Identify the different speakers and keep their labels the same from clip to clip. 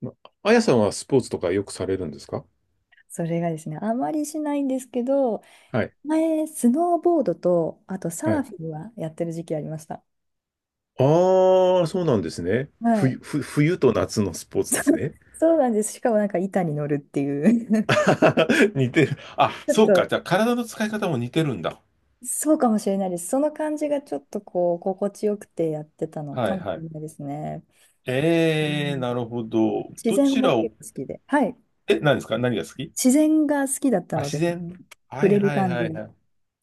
Speaker 1: まあやさんはスポーツとかよくされるんですか？
Speaker 2: それがですね、あまりしないんですけど、
Speaker 1: はい。
Speaker 2: 前、スノーボードと、あと
Speaker 1: は
Speaker 2: サー
Speaker 1: い。
Speaker 2: フィンはやってる時期ありました。
Speaker 1: ああ、そうなんですね。
Speaker 2: はい。
Speaker 1: 冬、冬と夏のスポーツですね。
Speaker 2: そうなんです。しかもなんか板に乗るっていう
Speaker 1: 似てる。あ、
Speaker 2: ちょっ
Speaker 1: そうか。
Speaker 2: と、
Speaker 1: じゃあ、体の使い方も似てるんだ。
Speaker 2: そうかもしれないです。その感じがちょっとこう、心地よくてやってたの
Speaker 1: は
Speaker 2: か
Speaker 1: い、
Speaker 2: もし
Speaker 1: は
Speaker 2: れ
Speaker 1: い。
Speaker 2: ないですね。うん、
Speaker 1: なるほど。
Speaker 2: 自
Speaker 1: ど
Speaker 2: 然
Speaker 1: ち
Speaker 2: も
Speaker 1: らを、
Speaker 2: 結構好きで。はい。
Speaker 1: え、何ですか？何が好き？
Speaker 2: 自然が好きだった
Speaker 1: あ、
Speaker 2: の
Speaker 1: 自
Speaker 2: で、
Speaker 1: 然。は
Speaker 2: 触
Speaker 1: い、
Speaker 2: れる
Speaker 1: はい、
Speaker 2: 感
Speaker 1: は
Speaker 2: じ
Speaker 1: い、
Speaker 2: が。
Speaker 1: はい。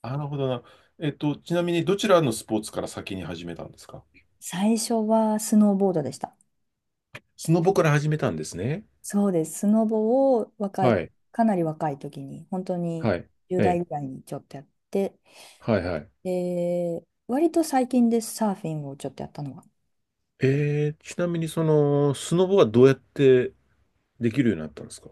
Speaker 1: なるほどな。ちなみに、どちらのスポーツから先に始めたんですか？
Speaker 2: 最初はスノーボードでした。
Speaker 1: スノボから始めたんですね。
Speaker 2: そうです。スノボを若い、
Speaker 1: はい。
Speaker 2: かなり若い時に、本当に
Speaker 1: はい。
Speaker 2: 10
Speaker 1: え
Speaker 2: 代
Speaker 1: え。
Speaker 2: ぐらいにちょっとやって、
Speaker 1: はいはい。
Speaker 2: で、割と最近です、サーフィンをちょっとやったのは。
Speaker 1: ちなみにその、スノボはどうやってできるようになったんですか？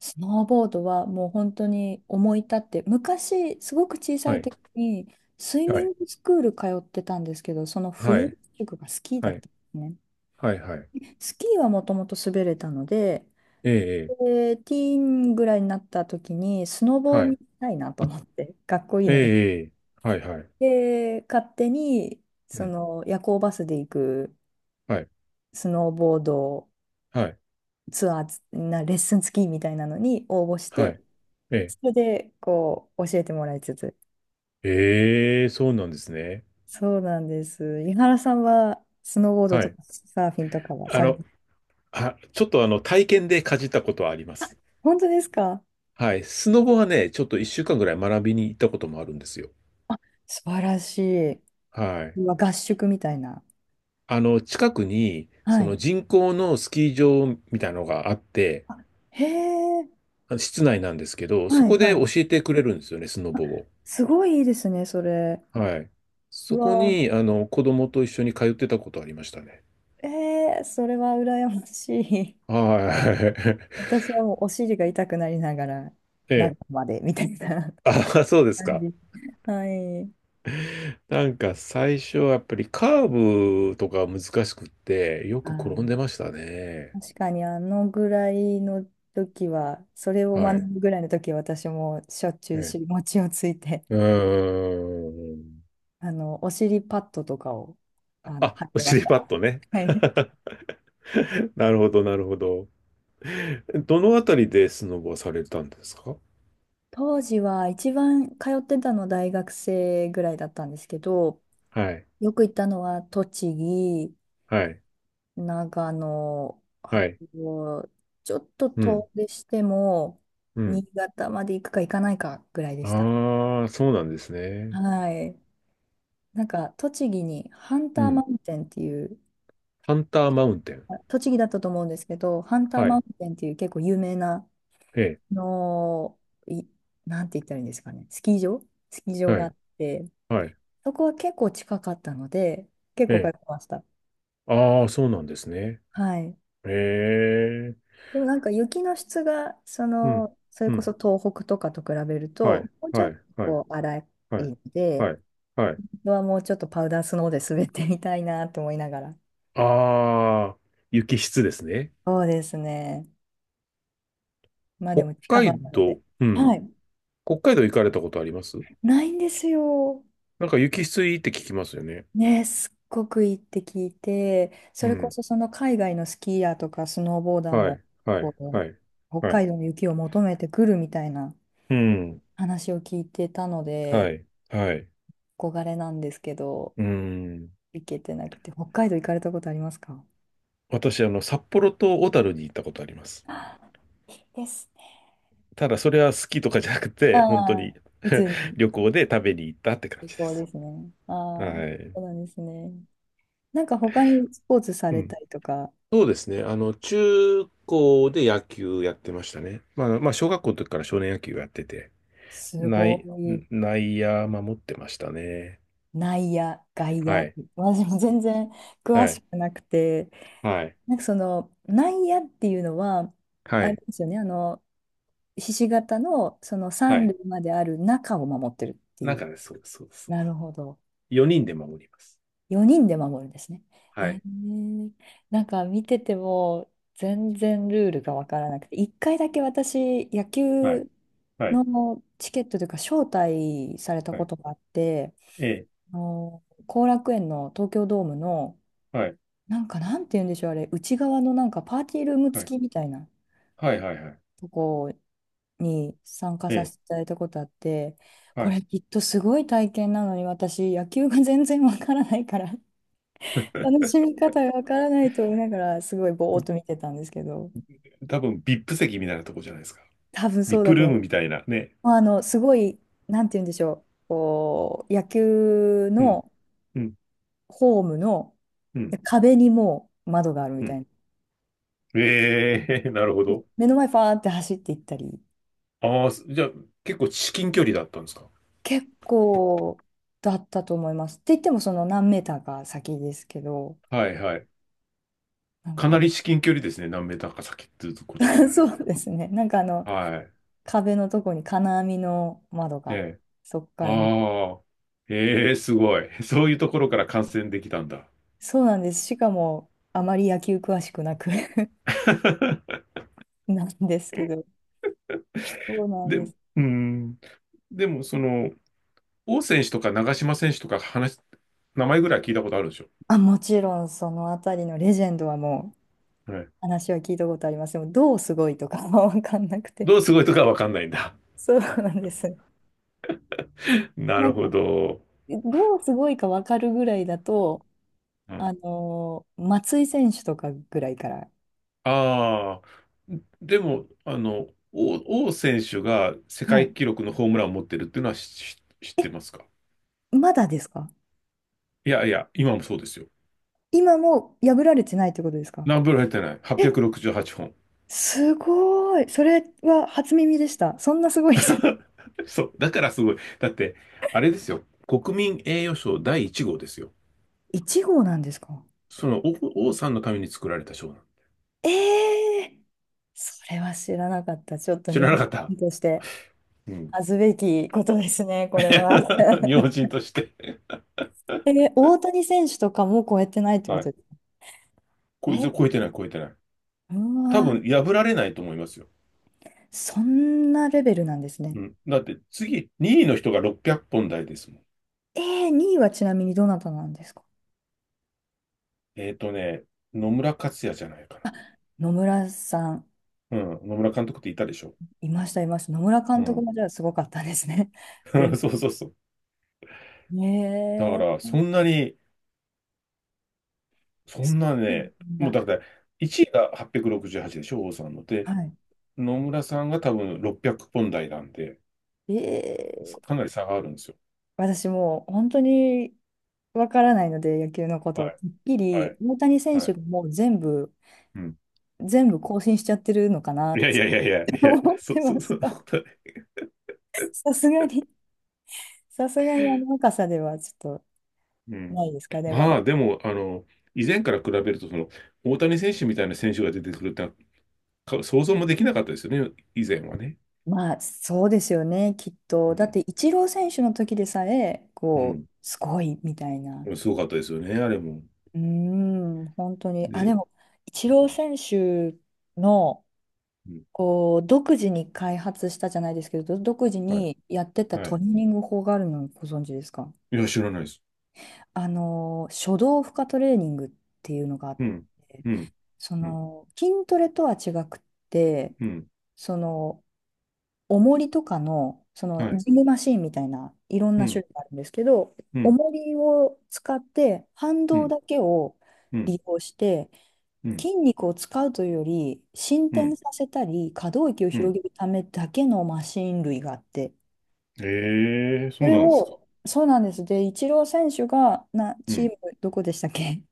Speaker 2: スノーボードはもう本当に思い立って、昔、すごく小さ
Speaker 1: は
Speaker 2: い
Speaker 1: い。
Speaker 2: 時に、スイ
Speaker 1: は
Speaker 2: ミ
Speaker 1: い。
Speaker 2: ングスクール通ってたんですけど、その
Speaker 1: は
Speaker 2: 冬、
Speaker 1: い。
Speaker 2: 宿がスキーだ
Speaker 1: は
Speaker 2: ったん
Speaker 1: い。
Speaker 2: ですね。
Speaker 1: はい。はい。
Speaker 2: スキーはもともと滑れたので、
Speaker 1: ええ。え
Speaker 2: で、ティーンぐらいになった時に、スノ
Speaker 1: え、
Speaker 2: ボ
Speaker 1: は
Speaker 2: に
Speaker 1: い。
Speaker 2: 行きたいなと思って、かっこいい
Speaker 1: え
Speaker 2: ので、
Speaker 1: え。ええ、はい。はい。
Speaker 2: で、勝手に、
Speaker 1: う
Speaker 2: そ
Speaker 1: ん。
Speaker 2: の夜行バスで行く
Speaker 1: はい。
Speaker 2: スノーボード
Speaker 1: はい。
Speaker 2: ツアー、レッスン付きみたいなのに応募し
Speaker 1: はい。
Speaker 2: て、
Speaker 1: ええ。
Speaker 2: それで、こう、教えてもらいつつ。
Speaker 1: ええ、そうなんですね。
Speaker 2: そうなんです。井原さんは、スノーボード
Speaker 1: は
Speaker 2: と
Speaker 1: い。
Speaker 2: かサーフィンとかは
Speaker 1: あ
Speaker 2: されま
Speaker 1: の、
Speaker 2: す？
Speaker 1: あ、ちょっとあの、体験でかじったことはあります。
Speaker 2: 本当ですか？
Speaker 1: はい。スノボはね、ちょっと一週間ぐらい学びに行ったこともあるんですよ。
Speaker 2: 素晴らしい。
Speaker 1: はい。
Speaker 2: うわ、合宿みたいな。
Speaker 1: あの、近くに、
Speaker 2: は
Speaker 1: その
Speaker 2: い。
Speaker 1: 人工のスキー場みたいなのがあって、
Speaker 2: あ、へえ、
Speaker 1: あ、室内なんですけど、そ
Speaker 2: はい
Speaker 1: こで
Speaker 2: は
Speaker 1: 教
Speaker 2: い。
Speaker 1: えてくれるんですよね、スノボを。
Speaker 2: すごいいいですね、それ。
Speaker 1: はい。
Speaker 2: う
Speaker 1: そこ
Speaker 2: わ、
Speaker 1: に、あの、子供と一緒に通ってたことありましたね。
Speaker 2: えー、それは羨ましい。
Speaker 1: は
Speaker 2: 私はもうお尻が痛くなりながら、
Speaker 1: い。
Speaker 2: 中
Speaker 1: ええ。
Speaker 2: までみたいな
Speaker 1: あ、そうで す
Speaker 2: 感
Speaker 1: か。
Speaker 2: じ。はい。
Speaker 1: なんか最初はやっぱりカーブとか難しくって、よ
Speaker 2: は
Speaker 1: く転んで
Speaker 2: い、
Speaker 1: ましたね。
Speaker 2: 確かにあのぐらいの時は、それを
Speaker 1: は
Speaker 2: 学
Speaker 1: い。
Speaker 2: ぶぐらいの時は私もしょっちゅ
Speaker 1: え
Speaker 2: う尻
Speaker 1: え。
Speaker 2: 餅をついて、
Speaker 1: うーん。
Speaker 2: お尻パッドとかを、
Speaker 1: あ、
Speaker 2: 貼っ
Speaker 1: お
Speaker 2: てまし
Speaker 1: 尻
Speaker 2: た。
Speaker 1: パッドね。
Speaker 2: はい。
Speaker 1: なるほど、なるほど。どのあたりでスノボをされたんですか？
Speaker 2: 当時は一番通ってたの大学生ぐらいだったんですけど、
Speaker 1: はい。
Speaker 2: よく行ったのは栃木、
Speaker 1: はい。
Speaker 2: 長野、あ
Speaker 1: はい。
Speaker 2: と、ちょっと
Speaker 1: うん。
Speaker 2: 遠出しても、
Speaker 1: うん。
Speaker 2: 新潟まで行くか行かないかぐらいでした。
Speaker 1: ああ、そうなんですね。
Speaker 2: はい。なんか、栃木にハン
Speaker 1: う
Speaker 2: ターマ
Speaker 1: ん。
Speaker 2: ウンテンっていう、
Speaker 1: ハンターマウンテン。
Speaker 2: あ、栃木だったと思うんですけど、ハンター
Speaker 1: は
Speaker 2: マウ
Speaker 1: い。
Speaker 2: ンテンっていう結構有名な、
Speaker 1: え
Speaker 2: あのい、なんて言ったらいいんですかね、スキー場スキー
Speaker 1: え。
Speaker 2: 場
Speaker 1: は
Speaker 2: があ
Speaker 1: い。
Speaker 2: って、
Speaker 1: はい。
Speaker 2: そこは結構近かったので、結
Speaker 1: え
Speaker 2: 構通っ
Speaker 1: え。
Speaker 2: てました。
Speaker 1: ああ、そうなんですね。
Speaker 2: はい。
Speaker 1: ええ。
Speaker 2: でもなんか雪の質が、そ
Speaker 1: うん。
Speaker 2: の、それ
Speaker 1: う
Speaker 2: こそ
Speaker 1: ん。
Speaker 2: 東北とかと比べる
Speaker 1: は
Speaker 2: と、
Speaker 1: い。
Speaker 2: もうちょ
Speaker 1: は
Speaker 2: っと
Speaker 1: い。はい。
Speaker 2: こう荒い
Speaker 1: はい。
Speaker 2: ので、
Speaker 1: はい。はい。
Speaker 2: 本当はもうちょっとパウダースノーで滑ってみたいなと思いながら。
Speaker 1: ああ、雪質ですね。
Speaker 2: そうですね。まあで
Speaker 1: 北
Speaker 2: も近場
Speaker 1: 海
Speaker 2: なので。
Speaker 1: 道、う
Speaker 2: は
Speaker 1: ん。
Speaker 2: い。
Speaker 1: 北海道行かれたことあります？
Speaker 2: ないんですよ。
Speaker 1: なんか雪質いいって聞きますよね。
Speaker 2: ね、すっごくいいって聞いて、そ
Speaker 1: う
Speaker 2: れこ
Speaker 1: ん。
Speaker 2: そその海外のスキーヤーとかスノーボーダー
Speaker 1: は
Speaker 2: も、
Speaker 1: い。は
Speaker 2: こ
Speaker 1: い。
Speaker 2: う、
Speaker 1: はい。
Speaker 2: 北
Speaker 1: は
Speaker 2: 海
Speaker 1: い。
Speaker 2: 道の雪を求めてくるみたいな
Speaker 1: うん。
Speaker 2: 話を聞いてたの
Speaker 1: は
Speaker 2: で、
Speaker 1: い。はい。
Speaker 2: 憧れなんですけど。
Speaker 1: うん。
Speaker 2: 行けてなくて、北海道行かれたことありますか？
Speaker 1: 私、あの、札幌と小樽に行ったことあります。
Speaker 2: あ、いいですね。
Speaker 1: ただ、それは好きとかじゃなく
Speaker 2: う
Speaker 1: て、本当
Speaker 2: ん。
Speaker 1: に
Speaker 2: うつ に、
Speaker 1: 旅行で食べに行ったって感
Speaker 2: 旅
Speaker 1: じで
Speaker 2: 行で
Speaker 1: す。
Speaker 2: すね。ああ、そ
Speaker 1: はい。
Speaker 2: うなんですね。なんか他にスポーツさ
Speaker 1: う
Speaker 2: れ
Speaker 1: ん。
Speaker 2: たりとか、
Speaker 1: そうですね。あの、中高で野球やってましたね。まあ、まあ、小学校の時から少年野球やってて、
Speaker 2: すご
Speaker 1: 内、
Speaker 2: い、
Speaker 1: 内野守ってましたね。
Speaker 2: 内野、外
Speaker 1: は
Speaker 2: 野、
Speaker 1: い。
Speaker 2: 私も全然詳
Speaker 1: は
Speaker 2: し
Speaker 1: い。
Speaker 2: くなくて、
Speaker 1: はい。
Speaker 2: なんかその内野っていうのは、
Speaker 1: は
Speaker 2: あれ
Speaker 1: い。
Speaker 2: ですよね、ひし形のその
Speaker 1: は
Speaker 2: 三
Speaker 1: い。
Speaker 2: 塁まである中を守ってるってい
Speaker 1: なんか
Speaker 2: う。
Speaker 1: ね、そうです、そうです、そうで
Speaker 2: な
Speaker 1: す。
Speaker 2: るほど。
Speaker 1: 4人で守ります。
Speaker 2: 4人で守るんですね。え
Speaker 1: はい。
Speaker 2: ー、なんか見てても全然ルールがわからなくて、1回だけ私、野
Speaker 1: はい。
Speaker 2: 球
Speaker 1: はい。
Speaker 2: のチケットというか、招待された
Speaker 1: は
Speaker 2: こ
Speaker 1: い。
Speaker 2: とがあって、
Speaker 1: ええ。
Speaker 2: あの後楽園の東京ドームの、
Speaker 1: はい。
Speaker 2: なんか、なんて言うんでしょう、あれ、内側のなんかパーティールーム
Speaker 1: はい。
Speaker 2: 付きみたいな
Speaker 1: はい。はい。はい。
Speaker 2: とこに参加
Speaker 1: え
Speaker 2: させ
Speaker 1: え。
Speaker 2: ていただいたことあって、
Speaker 1: は
Speaker 2: こ
Speaker 1: い。
Speaker 2: れきっとすごい体験なのに私野球が全然わからないから楽しみ方がわからないと思いながら、すごいぼーっと見てたんですけど、
Speaker 1: 多分ビップ席みたいなとこじゃないですか？
Speaker 2: 多分
Speaker 1: ビ
Speaker 2: そ
Speaker 1: ッ
Speaker 2: うだ
Speaker 1: プ
Speaker 2: と
Speaker 1: ルー
Speaker 2: 思いま
Speaker 1: ム
Speaker 2: す。
Speaker 1: みたいなね。
Speaker 2: まあ、あの、すごい、なんて言うんでしょう、こう、野球
Speaker 1: うん、
Speaker 2: の
Speaker 1: うん、
Speaker 2: ホームの
Speaker 1: うん、
Speaker 2: 壁にもう窓があるみ
Speaker 1: う
Speaker 2: た
Speaker 1: ん。
Speaker 2: いな。
Speaker 1: ええ、なるほど。
Speaker 2: 目の前ファーって走っていったり、
Speaker 1: ああ、じゃあ結構至近距離だったんですか？
Speaker 2: 結構だったと思います。って言っても、その何メーターか先ですけど、
Speaker 1: はいはい。
Speaker 2: なん
Speaker 1: かな
Speaker 2: か、
Speaker 1: り至近距離ですね。何メーターか先っていうことで あれ
Speaker 2: そ
Speaker 1: ば。
Speaker 2: うですね、なんかあの、
Speaker 1: はい。
Speaker 2: 壁のとこに金網の窓
Speaker 1: え
Speaker 2: が、
Speaker 1: え。
Speaker 2: そこから見て、
Speaker 1: ああ。ええ、すごい。そういうところから感染できたんだ。
Speaker 2: そうなんです。しかも、あまり野球詳しくなく なんですけど。そうなん
Speaker 1: で、
Speaker 2: で
Speaker 1: う
Speaker 2: す。
Speaker 1: ーん。でも、その、王選手とか長嶋選手とか話、名前ぐらい聞いたことあるでしょ。
Speaker 2: あ、もちろん、そのあたりのレジェンドはもう、
Speaker 1: はい。
Speaker 2: 話は聞いたことあります。でも、どうすごいとかは わかんなくて。
Speaker 1: どうすごいとかわかんないんだ。
Speaker 2: そうなんです。
Speaker 1: な
Speaker 2: な
Speaker 1: る
Speaker 2: ん
Speaker 1: ほ
Speaker 2: か、
Speaker 1: ど。
Speaker 2: どうすごいかわかるぐらいだと、
Speaker 1: うん。
Speaker 2: 松井選手とかぐらいから。
Speaker 1: ああ、でも、あの、王選手が世
Speaker 2: は
Speaker 1: 界
Speaker 2: い。
Speaker 1: 記録のホームランを持ってるっていうのは知ってますか？
Speaker 2: まだですか？
Speaker 1: いやいや、今もそうですよ。
Speaker 2: 今も破られてないってことですか？
Speaker 1: 何本入ってない？
Speaker 2: え、
Speaker 1: 868 本。
Speaker 2: すごい。それは初耳でした。そんなすごい人。
Speaker 1: そう、だからすごい。だって、あれですよ。国民栄誉賞第1号ですよ。
Speaker 2: 1号なんですか？
Speaker 1: その王さんのために作られた賞なの。
Speaker 2: ええー、それは知らなかった。ちょっと
Speaker 1: 知
Speaker 2: 日
Speaker 1: らな
Speaker 2: 本
Speaker 1: かった。
Speaker 2: 人として
Speaker 1: うん。
Speaker 2: 恥ずべきことですね、これは。
Speaker 1: 日本人として。
Speaker 2: えー、大谷選手とかも超えてないってこ
Speaker 1: は
Speaker 2: と
Speaker 1: い。
Speaker 2: です
Speaker 1: こいつ
Speaker 2: ね。
Speaker 1: 超えてない、超えてない。
Speaker 2: えー、う
Speaker 1: 多
Speaker 2: わー、
Speaker 1: 分破られないと思いますよ。
Speaker 2: そんなレベルなんですね。
Speaker 1: うん。だって次、2位の人が600本台ですもん。
Speaker 2: えー、2位はちなみにどなたなんですか？
Speaker 1: えっーとね、野村克也じゃないか
Speaker 2: 野村さん、
Speaker 1: な。うん。野村監督っていたでしょ。
Speaker 2: いました、いました。野村
Speaker 1: う
Speaker 2: 監督
Speaker 1: ん。
Speaker 2: もじゃあすごかったですね。プレ イ、
Speaker 1: そうそうそう。だか
Speaker 2: え
Speaker 1: ら、そん
Speaker 2: ー、
Speaker 1: なに、そ
Speaker 2: そ
Speaker 1: んな
Speaker 2: うな
Speaker 1: ね、
Speaker 2: ん
Speaker 1: もうだっ
Speaker 2: だ。
Speaker 1: て、1位が868でしょ、王さんの。で、
Speaker 2: は
Speaker 1: 野村さんが多分600本台なんで、
Speaker 2: い。えー、
Speaker 1: かなり差があるんですよ。
Speaker 2: 私もう本当にわからないので、野球のこ
Speaker 1: は
Speaker 2: と。
Speaker 1: い、
Speaker 2: てっき
Speaker 1: は
Speaker 2: り、
Speaker 1: い、
Speaker 2: 大谷選
Speaker 1: は
Speaker 2: 手
Speaker 1: い。
Speaker 2: がもう全部、
Speaker 1: うん。
Speaker 2: 全部更新しちゃってるのかな
Speaker 1: い
Speaker 2: っ
Speaker 1: や
Speaker 2: て
Speaker 1: いやいやいや、いや、
Speaker 2: 思って
Speaker 1: そ、
Speaker 2: ま
Speaker 1: そ、
Speaker 2: し
Speaker 1: そんな
Speaker 2: た。
Speaker 1: こ と。
Speaker 2: さすがに、さすがにあの若さではちょっ
Speaker 1: う
Speaker 2: と
Speaker 1: ん。
Speaker 2: ないですかね、ま
Speaker 1: ま
Speaker 2: だ。
Speaker 1: あ、でも、あの、以前から比べると、その、大谷選手みたいな選手が出てくるってのは想像もできなかったですよね、以前はね。
Speaker 2: まあ、そうですよね、きっ
Speaker 1: う
Speaker 2: と。だっ
Speaker 1: ん。
Speaker 2: て、イチロー選手の時でさえ、こ
Speaker 1: う
Speaker 2: う、すごいみたいな。
Speaker 1: ん。すごかったですよね、あれも。
Speaker 2: うーん、本当に。あ、で
Speaker 1: で、
Speaker 2: も、イチ
Speaker 1: うん。
Speaker 2: ロー選手の、
Speaker 1: うん、
Speaker 2: こう独自に開発したじゃないですけど、独自
Speaker 1: はい。
Speaker 2: にやってた
Speaker 1: は
Speaker 2: ト
Speaker 1: い。
Speaker 2: レーニング法があるのをご存知ですか？
Speaker 1: いや、知らないです。
Speaker 2: あの、初動負荷トレーニングっていうのがあっ
Speaker 1: うん。
Speaker 2: て、
Speaker 1: うん。
Speaker 2: そ
Speaker 1: うん。
Speaker 2: の、筋トレとは違くって、
Speaker 1: うん。
Speaker 2: その、重りとかの、そ
Speaker 1: は
Speaker 2: の、
Speaker 1: い。
Speaker 2: ジムマシンみたいな、いろん
Speaker 1: う
Speaker 2: な種
Speaker 1: ん。
Speaker 2: 類があるんですけど、
Speaker 1: うん。
Speaker 2: 重りを使って、反
Speaker 1: う
Speaker 2: 動
Speaker 1: ん。
Speaker 2: だけを
Speaker 1: うん。
Speaker 2: 利用して、
Speaker 1: うん。
Speaker 2: 筋肉を使うというより、伸
Speaker 1: う
Speaker 2: 展
Speaker 1: ん。
Speaker 2: させたり、可動域を
Speaker 1: う
Speaker 2: 広
Speaker 1: ん、
Speaker 2: げるためだけのマシン類があって、
Speaker 1: ええ、
Speaker 2: そ
Speaker 1: そう
Speaker 2: れ
Speaker 1: なんですか。
Speaker 2: を、そうなんです。で、イチロー選手が、
Speaker 1: う
Speaker 2: チー
Speaker 1: ん。
Speaker 2: ム、どこでしたっけ？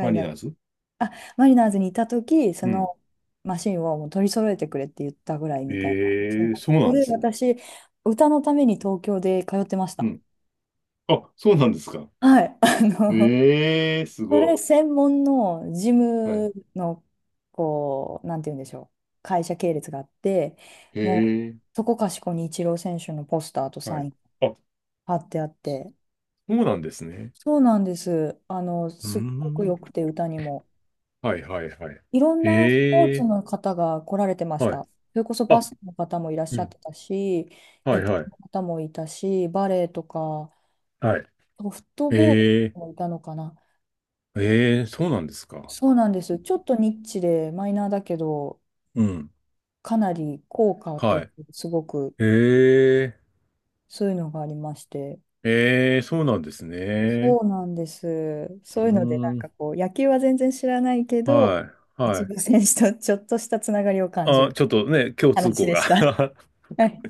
Speaker 1: マリ
Speaker 2: 外。
Speaker 1: ナーズ。
Speaker 2: あ、マリナーズにいた時、そ
Speaker 1: うん。
Speaker 2: のマシンをもう取り揃えてくれって言ったぐらいみたいなマシ
Speaker 1: え
Speaker 2: ン
Speaker 1: え、
Speaker 2: だっ
Speaker 1: そ
Speaker 2: た。
Speaker 1: う
Speaker 2: こ
Speaker 1: なんで
Speaker 2: れ
Speaker 1: すね。
Speaker 2: 私、歌のために東京で通ってまし
Speaker 1: う
Speaker 2: た。
Speaker 1: ん。あ、そうなんですか。
Speaker 2: はい。あの、
Speaker 1: ええ、す
Speaker 2: そ
Speaker 1: ご
Speaker 2: れ
Speaker 1: い。
Speaker 2: 専門のジ
Speaker 1: はい。
Speaker 2: ムの、こう、なんて言うんでしょう。会社系列があって、
Speaker 1: へ
Speaker 2: もう、
Speaker 1: え。
Speaker 2: そこかしこにイチロー選手のポスターと
Speaker 1: は
Speaker 2: サイ
Speaker 1: い。
Speaker 2: ン
Speaker 1: あ、そ
Speaker 2: 貼ってあって、
Speaker 1: うなんですね。
Speaker 2: そうなんです。あの、
Speaker 1: うー
Speaker 2: すっごく
Speaker 1: ん。
Speaker 2: 良くて、歌にも。
Speaker 1: はいはいはい。
Speaker 2: いろんなスポー
Speaker 1: え
Speaker 2: ツ
Speaker 1: え、
Speaker 2: の方が来られてまし
Speaker 1: はい。
Speaker 2: た。それこそ
Speaker 1: あ、
Speaker 2: バスケの方もいらっ
Speaker 1: う
Speaker 2: しゃっ
Speaker 1: ん。
Speaker 2: てたし、
Speaker 1: は
Speaker 2: 野
Speaker 1: い
Speaker 2: 球
Speaker 1: はい。
Speaker 2: の方もいたし、バレーとか、
Speaker 1: はい。
Speaker 2: ソフトボール
Speaker 1: ええ、
Speaker 2: もいたのかな。
Speaker 1: ええ、そうなんですか。
Speaker 2: そうなんです。ちょっとニッチでマイナーだけど、
Speaker 1: うん。
Speaker 2: かなり効果と
Speaker 1: は
Speaker 2: し
Speaker 1: い。
Speaker 2: てすごく、
Speaker 1: ええ、
Speaker 2: そういうのがありまして。
Speaker 1: ええ、そうなんです
Speaker 2: そ
Speaker 1: ね。
Speaker 2: うなんです。
Speaker 1: う
Speaker 2: そういうので、な
Speaker 1: ー
Speaker 2: んか
Speaker 1: ん。
Speaker 2: こう、野球は全然知らないけど、
Speaker 1: はい。は
Speaker 2: 一
Speaker 1: い。
Speaker 2: 部選手とちょっとしたつながりを感じ
Speaker 1: あ、
Speaker 2: る
Speaker 1: ちょっとね、共通
Speaker 2: 話
Speaker 1: 項
Speaker 2: で
Speaker 1: が
Speaker 2: した。はい